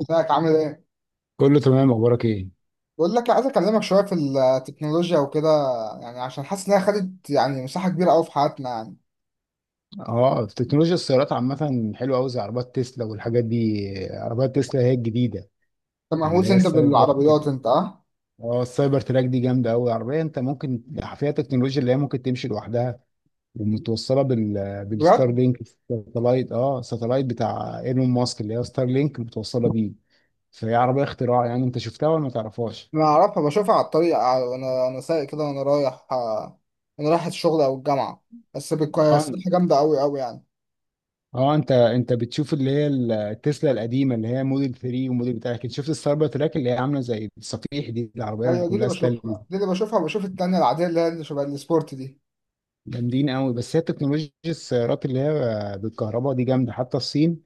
ازيك؟ عامل ايه؟ كله تمام، اخبارك ايه؟ بقول لك عايز اكلمك شويه في التكنولوجيا وكده، يعني عشان حاسس انها خدت يعني مساحه كبيره قوي في حياتنا يعني. اه في تكنولوجيا السيارات عامه حلوه قوي زي عربات تسلا والحاجات دي. عربات تسلا هي الجديده، انت اللي مهووس هي انت السايبر تراك. بالعربيات انت، اه؟ اه السايبر تراك دي جامده قوي. عربيه انت ممكن فيها تكنولوجيا اللي هي ممكن تمشي لوحدها، ومتوصله بالستار بجد؟ لينك. ساتلايت، ساتلايت بتاع ايلون ماسك اللي هي ستار لينك متوصله بيه. فهي عربيه اختراع، يعني انت شفتها ولا ما تعرفهاش؟ انا اعرفها، بشوفها على الطريق وانا سايق كده وانا رايح، وانا رايح الشغل او الجامعه. بس بتكون جامده قوي قوي يعني. اه، انت بتشوف اللي هي التسلا القديمه اللي هي موديل 3 وموديل بتاع كده. شفت السايبر تراك اللي هي عامله زي الصفيح دي، العربيه اللي ايوه دي اللي كلها ستايل بشوفها، دي. دي اللي بشوفها. وبشوف التانيه العاديه اللي هي اللي شبه السبورت دي. جامدين قوي. بس هي تكنولوجيا السيارات اللي هي بالكهرباء دي جامده. حتى الصين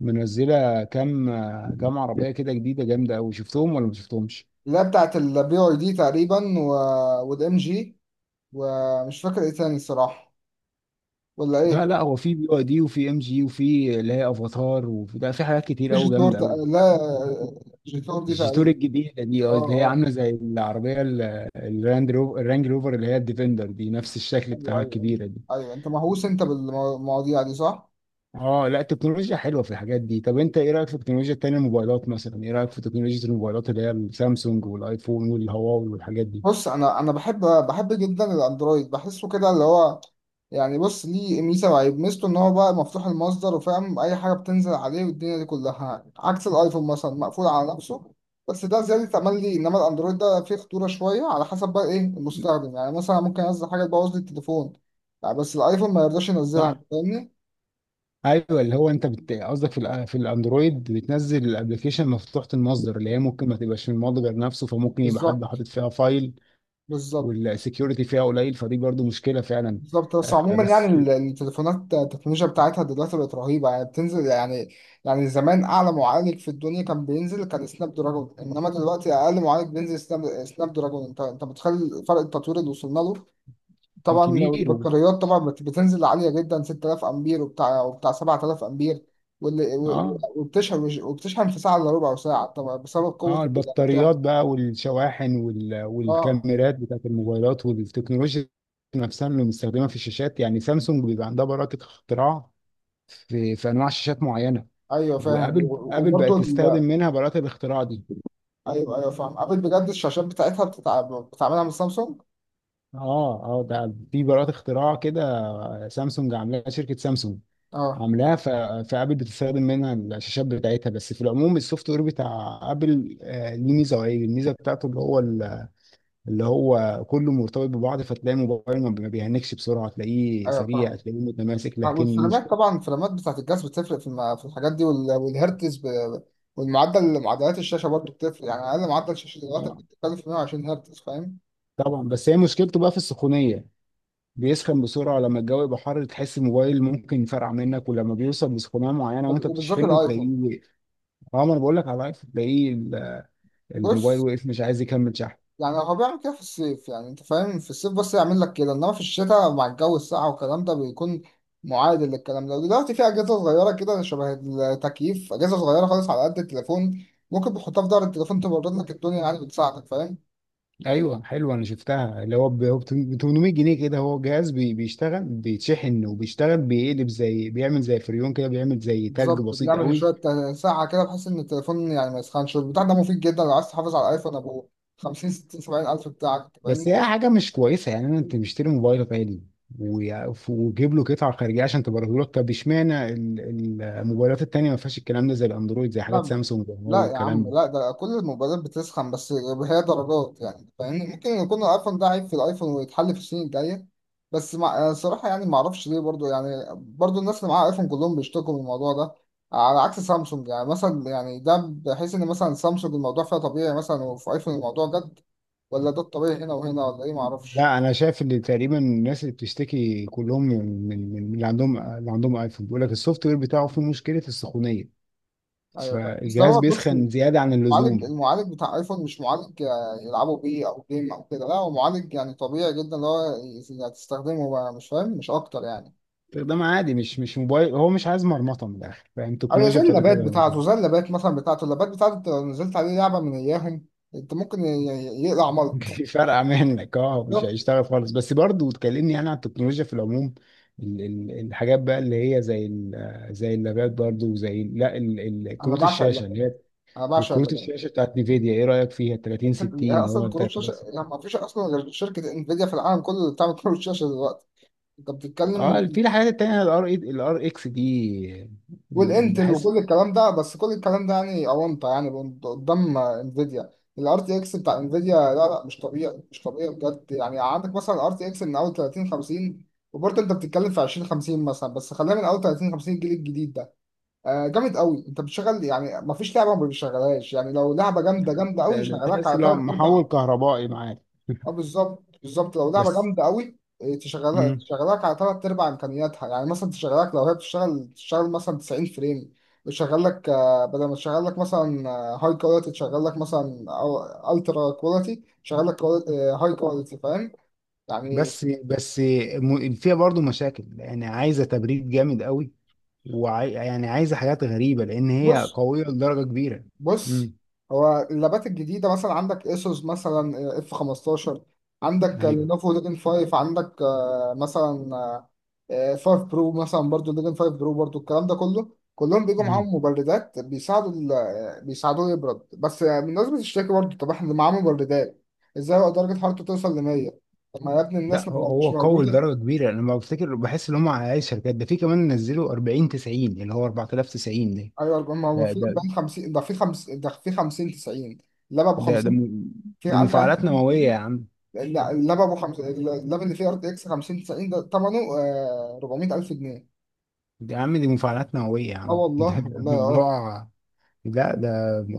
منزله كام عربيه كده جديده جامده قوي، شفتهم ولا ما شفتهمش؟ اللي هي بتاعت البي واي دي تقريبا والام جي، ومش فاكر ايه تاني الصراحه. ولا لا ايه؟ لا، هو في بي واي دي، وفي ام جي، وفي اللي هي افاتار، وفي ده، في حاجات كتير مش قوي جامده قوي. لا، جيتار دي الجيتور تقريبا. الجديدة دي، اه اه، اللي هي اه. عاملة زي العربية الراند روفر، الرانج روفر اللي هي الديفندر دي، نفس الشكل ايوه بتاعها ايوه. الكبيرة دي. ايوه، انت مهووس بالمواضيع دي صح؟ اه لا، التكنولوجيا حلوة في الحاجات دي. طب انت ايه رأيك في التكنولوجيا التانية، الموبايلات مثلا؟ ايه رأيك في تكنولوجيا الموبايلات اللي هي السامسونج والايفون والهواوي والحاجات دي؟ بص، انا بحب جدا الاندرويد، بحسه كده اللي هو، يعني بص ليه ميزه وعيب. ميزته ان هو بقى مفتوح المصدر وفاهم اي حاجه بتنزل عليه والدنيا دي كلها، عكس الايفون مثلا مقفول على نفسه. بس ده زياده امل لي. انما الاندرويد ده فيه خطوره شويه على حسب بقى ايه المستخدم. يعني مثلا ممكن انزل حاجه تبوظ لي التليفون يعني، بس الايفون ما يرضاش ينزلها. أنت صح. فاهمني؟ ايوه، اللي هو انت قصدك في في الاندرويد بتنزل الابلكيشن مفتوحه المصدر، اللي هي ممكن ما تبقاش من المصدر نفسه، فممكن يبقى حد بالظبط. حاطط فيها فايل. بالظبط. والسكيورتي فيها قليل، فدي برضو مشكله فعلا. بالظبط. بس آه، عموما يعني بس. التليفونات التكنولوجيا بتاعتها دلوقتي بقت رهيبة، يعني بتنزل يعني. يعني زمان أعلى معالج في الدنيا كان بينزل كان سناب دراجون، إنما دلوقتي أقل معالج بينزل سناب دراجون. أنت متخيل فرق التطوير اللي وصلنا له؟ طبعا كبير. البطاريات، بتنزل عالية جدا، 6000 أمبير وبتاع 7000 أمبير، واللي و- و- اه وبتشحن وبتشحن في ساعة إلا ربع ساعة طبعا بسبب قوة اه، بتاعها. البطاريات بقى والشواحن اه. والكاميرات بتاعت الموبايلات والتكنولوجيا نفسها اللي مستخدمه في الشاشات. يعني سامسونج بيبقى عندها براءة اختراع في انواع شاشات معينه. ايوه فاهم ابل بقت تستخدم وبرضه. منها براءة الاختراع دي. ايوه ايوه فاهم. ابل بجد الشاشات بتاعتها بتعملها من سامسونج. اه اه، ده في براءة اختراع كده سامسونج عاملاها، شركه سامسونج اه. عاملاها، فابل بتستخدم منها الشاشات بتاعتها. بس في العموم، السوفت وير بتاع ابل ليه ميزه وعيب. الميزه بتاعته اللي هو كله مرتبط ببعض، فتلاقي الموبايل ما بيهنكش بسرعة، تلاقيه ايوه سريع، فاهم. تلاقيه متماسك. لكن والفريمات، مشكلة. طبعا الفريمات بتاعت الجهاز بتفرق في الحاجات دي، والهرتز والمعدل، معدلات الشاشه برضه بتفرق. يعني اقل معدل شاشه دلوقتي طبعا بتتكلم في 120 هرتز، فاهم؟ طبعا. بس هي مشكلته بقى في السخونية، بيسخن بسرعة. لما الجو يبقى حر تحس الموبال ممكن يفرقع منك، ولما بيوصل لسخونية معينة وانت وبالذات بتشحنه تلاقيه الايفون. وقف. اه، ما انا بقول لك على لايف تلاقيه الموبايل بص، وقف، مش عايز يكمل شحن. يعني هو بيعمل كده في الصيف، يعني انت فاهم، في الصيف بس يعمل لك كده. انما في الشتاء مع الجو الساقع والكلام ده بيكون معادل للكلام ده. ودلوقتي في اجهزه صغيره كده شبه التكييف، اجهزه صغيره خالص على قد التليفون، ممكن بتحطها في ظهر التليفون تبرد لك الدنيا يعني، بتساعدك، فاهم؟ ايوه حلوه، انا شفتها اللي هو ب 800 جنيه كده. هو جهاز بيشتغل، بيتشحن وبيشتغل، بيقلب، زي بيعمل زي فريون كده، بيعمل زي تلج بالظبط. بسيط بنعمل قوي. ساعه كده بحيث ان التليفون يعني ما يسخنش، والبتاع ده مفيد جدا لو عايز تحافظ على الايفون ابو 50 60 70 الف بتاعك. بس هي حاجه مش كويسه يعني. انا انت مشتري موبايل غالي وجيب له قطعه خارجيه عشان تبرده لك؟ طب اشمعنى الموبايلات التانيه ما فيهاش الكلام ده، زي الاندرويد، زي لا حاجات ما- سامسونج لا وهواوي، يا الكلام عم ده. لا، ده كل الموبايلات بتسخن، بس هي درجات يعني، فاهمني؟ ممكن يكون الايفون ده عيب في الايفون ويتحل في السنين الجايه. بس مع صراحه يعني ما اعرفش ليه، برضو يعني برضو الناس اللي معاها ايفون كلهم بيشتكوا من الموضوع ده، على عكس سامسونج. يعني مثلا يعني ده بحيث ان مثلا سامسونج الموضوع فيها طبيعي مثلا، وفي ايفون الموضوع جد. ولا ده الطبيعي هنا وهنا ولا ايه، ما اعرفش. لا، انا شايف ان تقريبا الناس اللي بتشتكي كلهم من اللي عندهم، اللي عندهم ايفون، بيقول لك السوفت وير بتاعه فيه مشكله السخونيه، ايوه فاهم. بس فالجهاز هو بص، بيسخن زياده عن المعالج، اللزوم. المعالج بتاع ايفون مش معالج يلعبوا بيه او جيم او كده. لا هو معالج يعني طبيعي جدا، اللي هو يعني تستخدمه بقى مش فاهم مش اكتر يعني. ده عادي، مش موبايل، هو مش عايز مرمطه من الاخر، فاهم؟ او زي التكنولوجيا بتاعته اللابات كده. بتاعته، زي اللابات مثلا بتاعته، اللابات بتاعته انت لو نزلت عليه لعبه من اياهم انت ممكن يقلع ملط. فرقع منك، مش بالظبط. هيشتغل خالص. بس برضه تكلمني يعني عن التكنولوجيا في العموم. الحاجات بقى اللي هي زي زي اللابات برضه، وزي لا انا كروت بعشق الشاشه اللابات. اللي هي. انا بعشق وكروت اللابات. الشاشه بتاعت نيفيديا ايه رايك فيها؟ 30 هي 60، هو اصلا كروت 30 شاشه يعني 60. ما فيش اصلا غير شركه انفيديا في العالم كله اللي بتعمل كروت شاشه دلوقتي. انت بتتكلم اه في الحاجات التانيه، الار اكس دي. والانتل بحس. وكل الكلام ده، بس كل الكلام ده يعني اونطه يعني قدام انفيديا. الار تي اكس بتاع انفيديا، لا مش طبيعي مش طبيعي بجد. يعني عندك مثلا الار تي اكس من اول 30 50، وبرضه انت بتتكلم في 20 50 مثلا، بس خلينا من اول 30 50، الجيل الجديد ده آه جامد قوي. انت بتشغل يعني، ما فيش لعبه ما بيشغلهاش يعني، لو لعبه جامده يعني جامده قوي ده يشغلك تحس على لو ثلاث ارباع. محول كهربائي معاك. اه بالظبط بالظبط، لو لعبه بس. جامده قوي، تشغلها مم. تشغلك على ثلاث ارباع امكانياتها، يعني مثلا تشغلك، لو هي بتشتغل تشتغل مثلا 90 فريم، بتشغل لك بدل ما تشغل لك مثلا هاي كواليتي تشغل لك مثلا او الترا كواليتي، تشغل لك هاي كواليتي فاهم يعني. بس فيها برضه مشاكل يعني، عايزه تبريد جامد قوي، يعني عايزه حاجات غريبه، لان هي بص قويه لدرجه كبيره. بص امم هو اللابات الجديدة مثلا عندك اسوس مثلا اف 15، عندك ايوه. لينوفو ليجن 5، عندك مثلا 5 برو مثلا، برضو ليجن 5 برو برضو، الكلام ده كله كلهم بيجوا امم معاهم مبردات بيساعدوا بيساعدوه يبرد. بس آه، الناس بتشتكي برضو، طب احنا اللي معاه مبردات ازاي هو درجة حرارته توصل ل 100؟ طب ما يا ابني لا، الناس هو مش هو قوي موجودة. لدرجه كبيره. انا لما بفتكر بحس ان هم على الشركات ده في كمان نزلوا 40 90، اللي هو 4090. ايوه ما هو ده ده في ده 40 50، ده في 50، ده في 50 90، لما ب ده, ده 50 م... في، دي عارف مفاعلات يعني نوويه يا عم. إيه. لا اللاب ابو خمس، اللاب اللي فيه ار تي اكس 50 90 ده ثمنه 400 الف جنيه. يا عم، دي مفاعلات نوويه يا اه عم. والله ده والله اه. موضوع. لا ده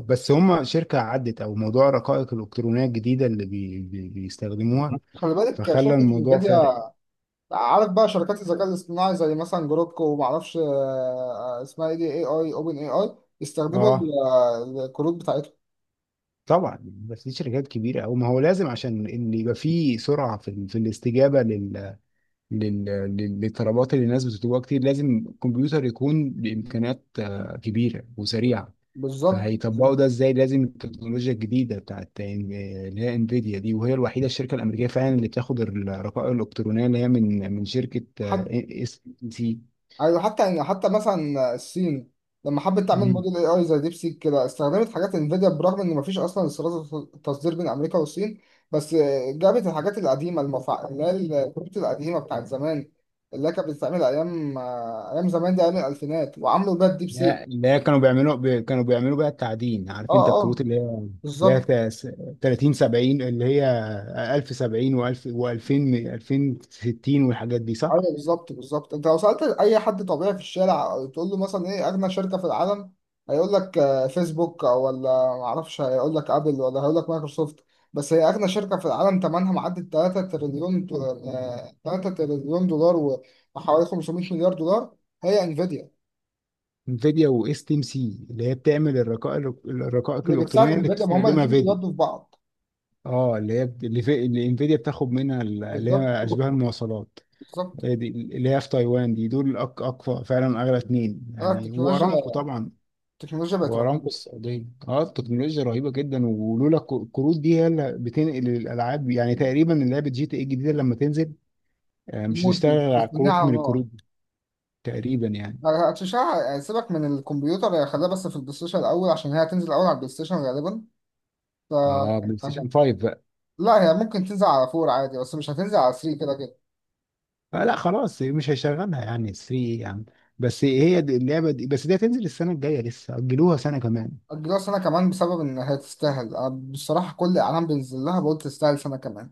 بس هم شركه عدت، او موضوع الرقائق الالكترونيه الجديده اللي بيستخدموها، خلي بالك فخلى شركه الموضوع فارق. انفيديا، عارف بقى شركات الذكاء الاصطناعي زي مثلا جروك وما اعرفش آه، اسمها ايه، دي اي اي، اوبن اي اي، يستخدموا اه الكروت بتاعتهم. طبعا. بس دي شركات كبيره، او ما هو لازم، عشان ان يبقى في سرعه في، في الاستجابه للطلبات اللي الناس بتطلبها كتير، لازم الكمبيوتر يكون بامكانيات كبيره وسريعه. بالظبط بالظبط. فهيطبقوا ده ازاي؟ لازم التكنولوجيا الجديده بتاعت اللي هي انفيديا دي، وهي الوحيده الشركه الامريكيه فعلا اللي بتاخد الرقائق الالكترونيه اللي هي من شركه آه، إيه، اس سي. ايوه حتى يعني حتى مثلا الصين لما حبت تعمل موديل اي اي زي ديب سيك كده، استخدمت حاجات انفيديا برغم ان مفيش اصلا استيراد تصدير بين امريكا والصين. بس جابت الحاجات القديمه اللي هي الكروت القديمه بتاعت زمان، اللي هي كانت بتتعمل ايام زمان دي، ايام الالفينات، وعملوا بيها الديب لا، سيك. اللي هي كانوا بيعملوا بقى التعدين، عارف؟ اه انت الكروت اه. اللي هي بالظبط. 30 70، اللي هي 1000 70 و1000 و2000 2060 والحاجات دي، صح؟ ايوه بالظبط بالظبط. انت لو سالت اي حد طبيعي في الشارع تقول له مثلا ايه اغنى شركه في العالم، هيقول لك فيسبوك او ولا معرفش، هيقول لك ابل ولا هيقول لك مايكروسوفت. بس هي اغنى شركه في العالم، ثمنها معدي 3 تريليون، 3 تريليون دولار وحوالي 500 مليار دولار، هي انفيديا. انفيديا، واس تي ام سي اللي هي بتعمل الرقائق، اللي بتساعد الالكترونيه اللي انفيديا، ما هم بتستخدمها الاثنين فيديو. بيودوا في بعض. اه اللي هي اللي انفيديا بتاخد منها اللي بالظبط هي اشباه المواصلات. بالظبط. هي دي اللي هي في تايوان دي. دول اقوى فعلا، اغلى اتنين يعني، وارامكو التكنولوجيا، طبعا. التكنولوجيا بقت وارامكو رهيبه. السعوديه. اه التكنولوجيا رهيبه جدا. ولولا الكروت دي هي اللي بتنقل الالعاب. يعني تقريبا لعبه جي تي اي الجديده لما تنزل، مش الموت هتشتغل دي على بس منيعة كروت على من نار. الكروت دي. تقريبا يعني. هتشع، سيبك من الكمبيوتر، هي خليها بس في البلاي ستيشن الاول، عشان هي هتنزل الاول على البلاي ستيشن غالبا ف اه بلاي ستيشن 5 بقى. لا هي ممكن تنزل على فور عادي، بس مش هتنزل على 3 كده كده. آه لا خلاص، مش هيشغلها يعني 3، ايه يعني؟ بس هي دي اللعبه دي، بس دي هتنزل السنه الجايه، لسه اجلوها سنه كمان. اجلها سنه كمان بسبب ان هي تستاهل، انا بصراحه كل اعلان بينزل لها بقول تستاهل سنه كمان.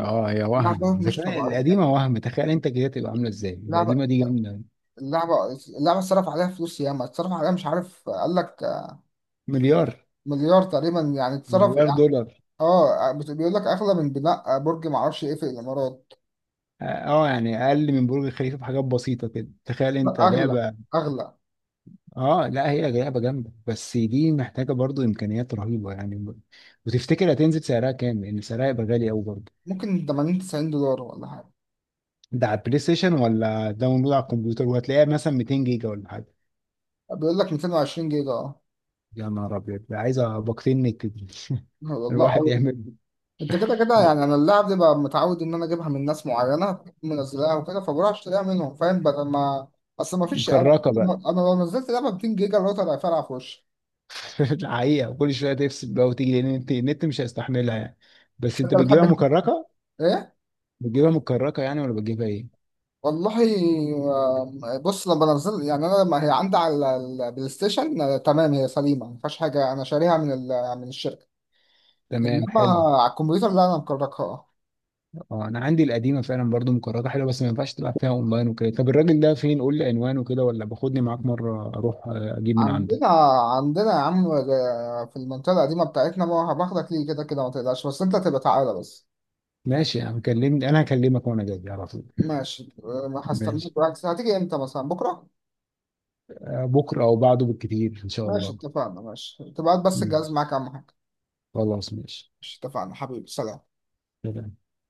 اه، يا وهم، لعبه اذا مش كان طبيعيه. القديمه وهم، تخيل انت كده تبقى عامله ازاي؟ لعبه، القديمه دي جامده. اللعبه، اللعبه اتصرف عليها فلوس ياما، اتصرف عليها مش عارف قال لك مليار. مليار تقريبا يعني اتصرف. مليار دولار. اه بيقول لك اغلى من بناء برج معرفش ايه في الامارات. اه. يعني اقل من برج الخليفه بحاجات بسيطه كده، تخيل لا انت، اغلى. لعبه. اغلى. اه لا، هي لعبه جامده، بس دي محتاجه برضو امكانيات رهيبه يعني. وتفتكر هتنزل سعرها كام؟ لان سعرها هيبقى غالي قوي برضو. ممكن 80 90 دولار ولا حاجة. ده على البلاي ستيشن، ولا داونلود على الكمبيوتر وهتلاقيها مثلا 200 جيجا ولا حاجه؟ بيقول لك 220 جيجا اه. يا نهار ابيض، ده عايزه باقتين نت دي. والله الواحد أوي. يعمل. انت كده كده يعني انا اللعب دي بقى متعود ان انا اجيبها من ناس معينة منزلاها وكده، فبروح اشتريها منهم فاهم، بدل ما، اصل ما فيش، انا مكركه بقى. انا لو نزلت لعبة 200 جيجا الراوتر هيفرقع في وشي. الحقيقه كل شويه تفصل بقى وتيجي، لان النت مش هيستحملها يعني. بس بس انت انت بتحب بتجيبها انت مكركه، ايه؟ بتجيبها مكركه يعني ولا بتجيبها ايه؟ والله بص، لما بنزل يعني، انا لما هي عندي على البلاي ستيشن تمام هي سليمة ما فيهاش حاجة، انا شاريها من من الشركة. تمام انما حلو. على الكمبيوتر لا انا مكركها. اه انا عندي القديمه فعلا برضو مكررة حلوه، بس ما ينفعش تلعب فيها اونلاين وكده. طب الراجل ده فين؟ قول لي عنوانه كده، ولا باخدني معاك مره اروح اجيب من عنده. عندنا. عندنا يا عم في المنطقة القديمة بتاعتنا، ما هباخدك ليه كده كده، ما تقلقش بس انت تبقى تعالى بس. ماشي يا عم، كلمني، انا هكلمك وانا جاي على طول. ماشي ما ماشي. هستناك، وقت هتيجي امتى مثلا بكرة؟ بكره او بعده بالكتير ان شاء ماشي الله. اتفقنا. ماشي تبقى هات بس الجهاز ماشي معاك اهم حاجة. خلاص، ماشي. ماشي اتفقنا حبيبي، سلام. سلام.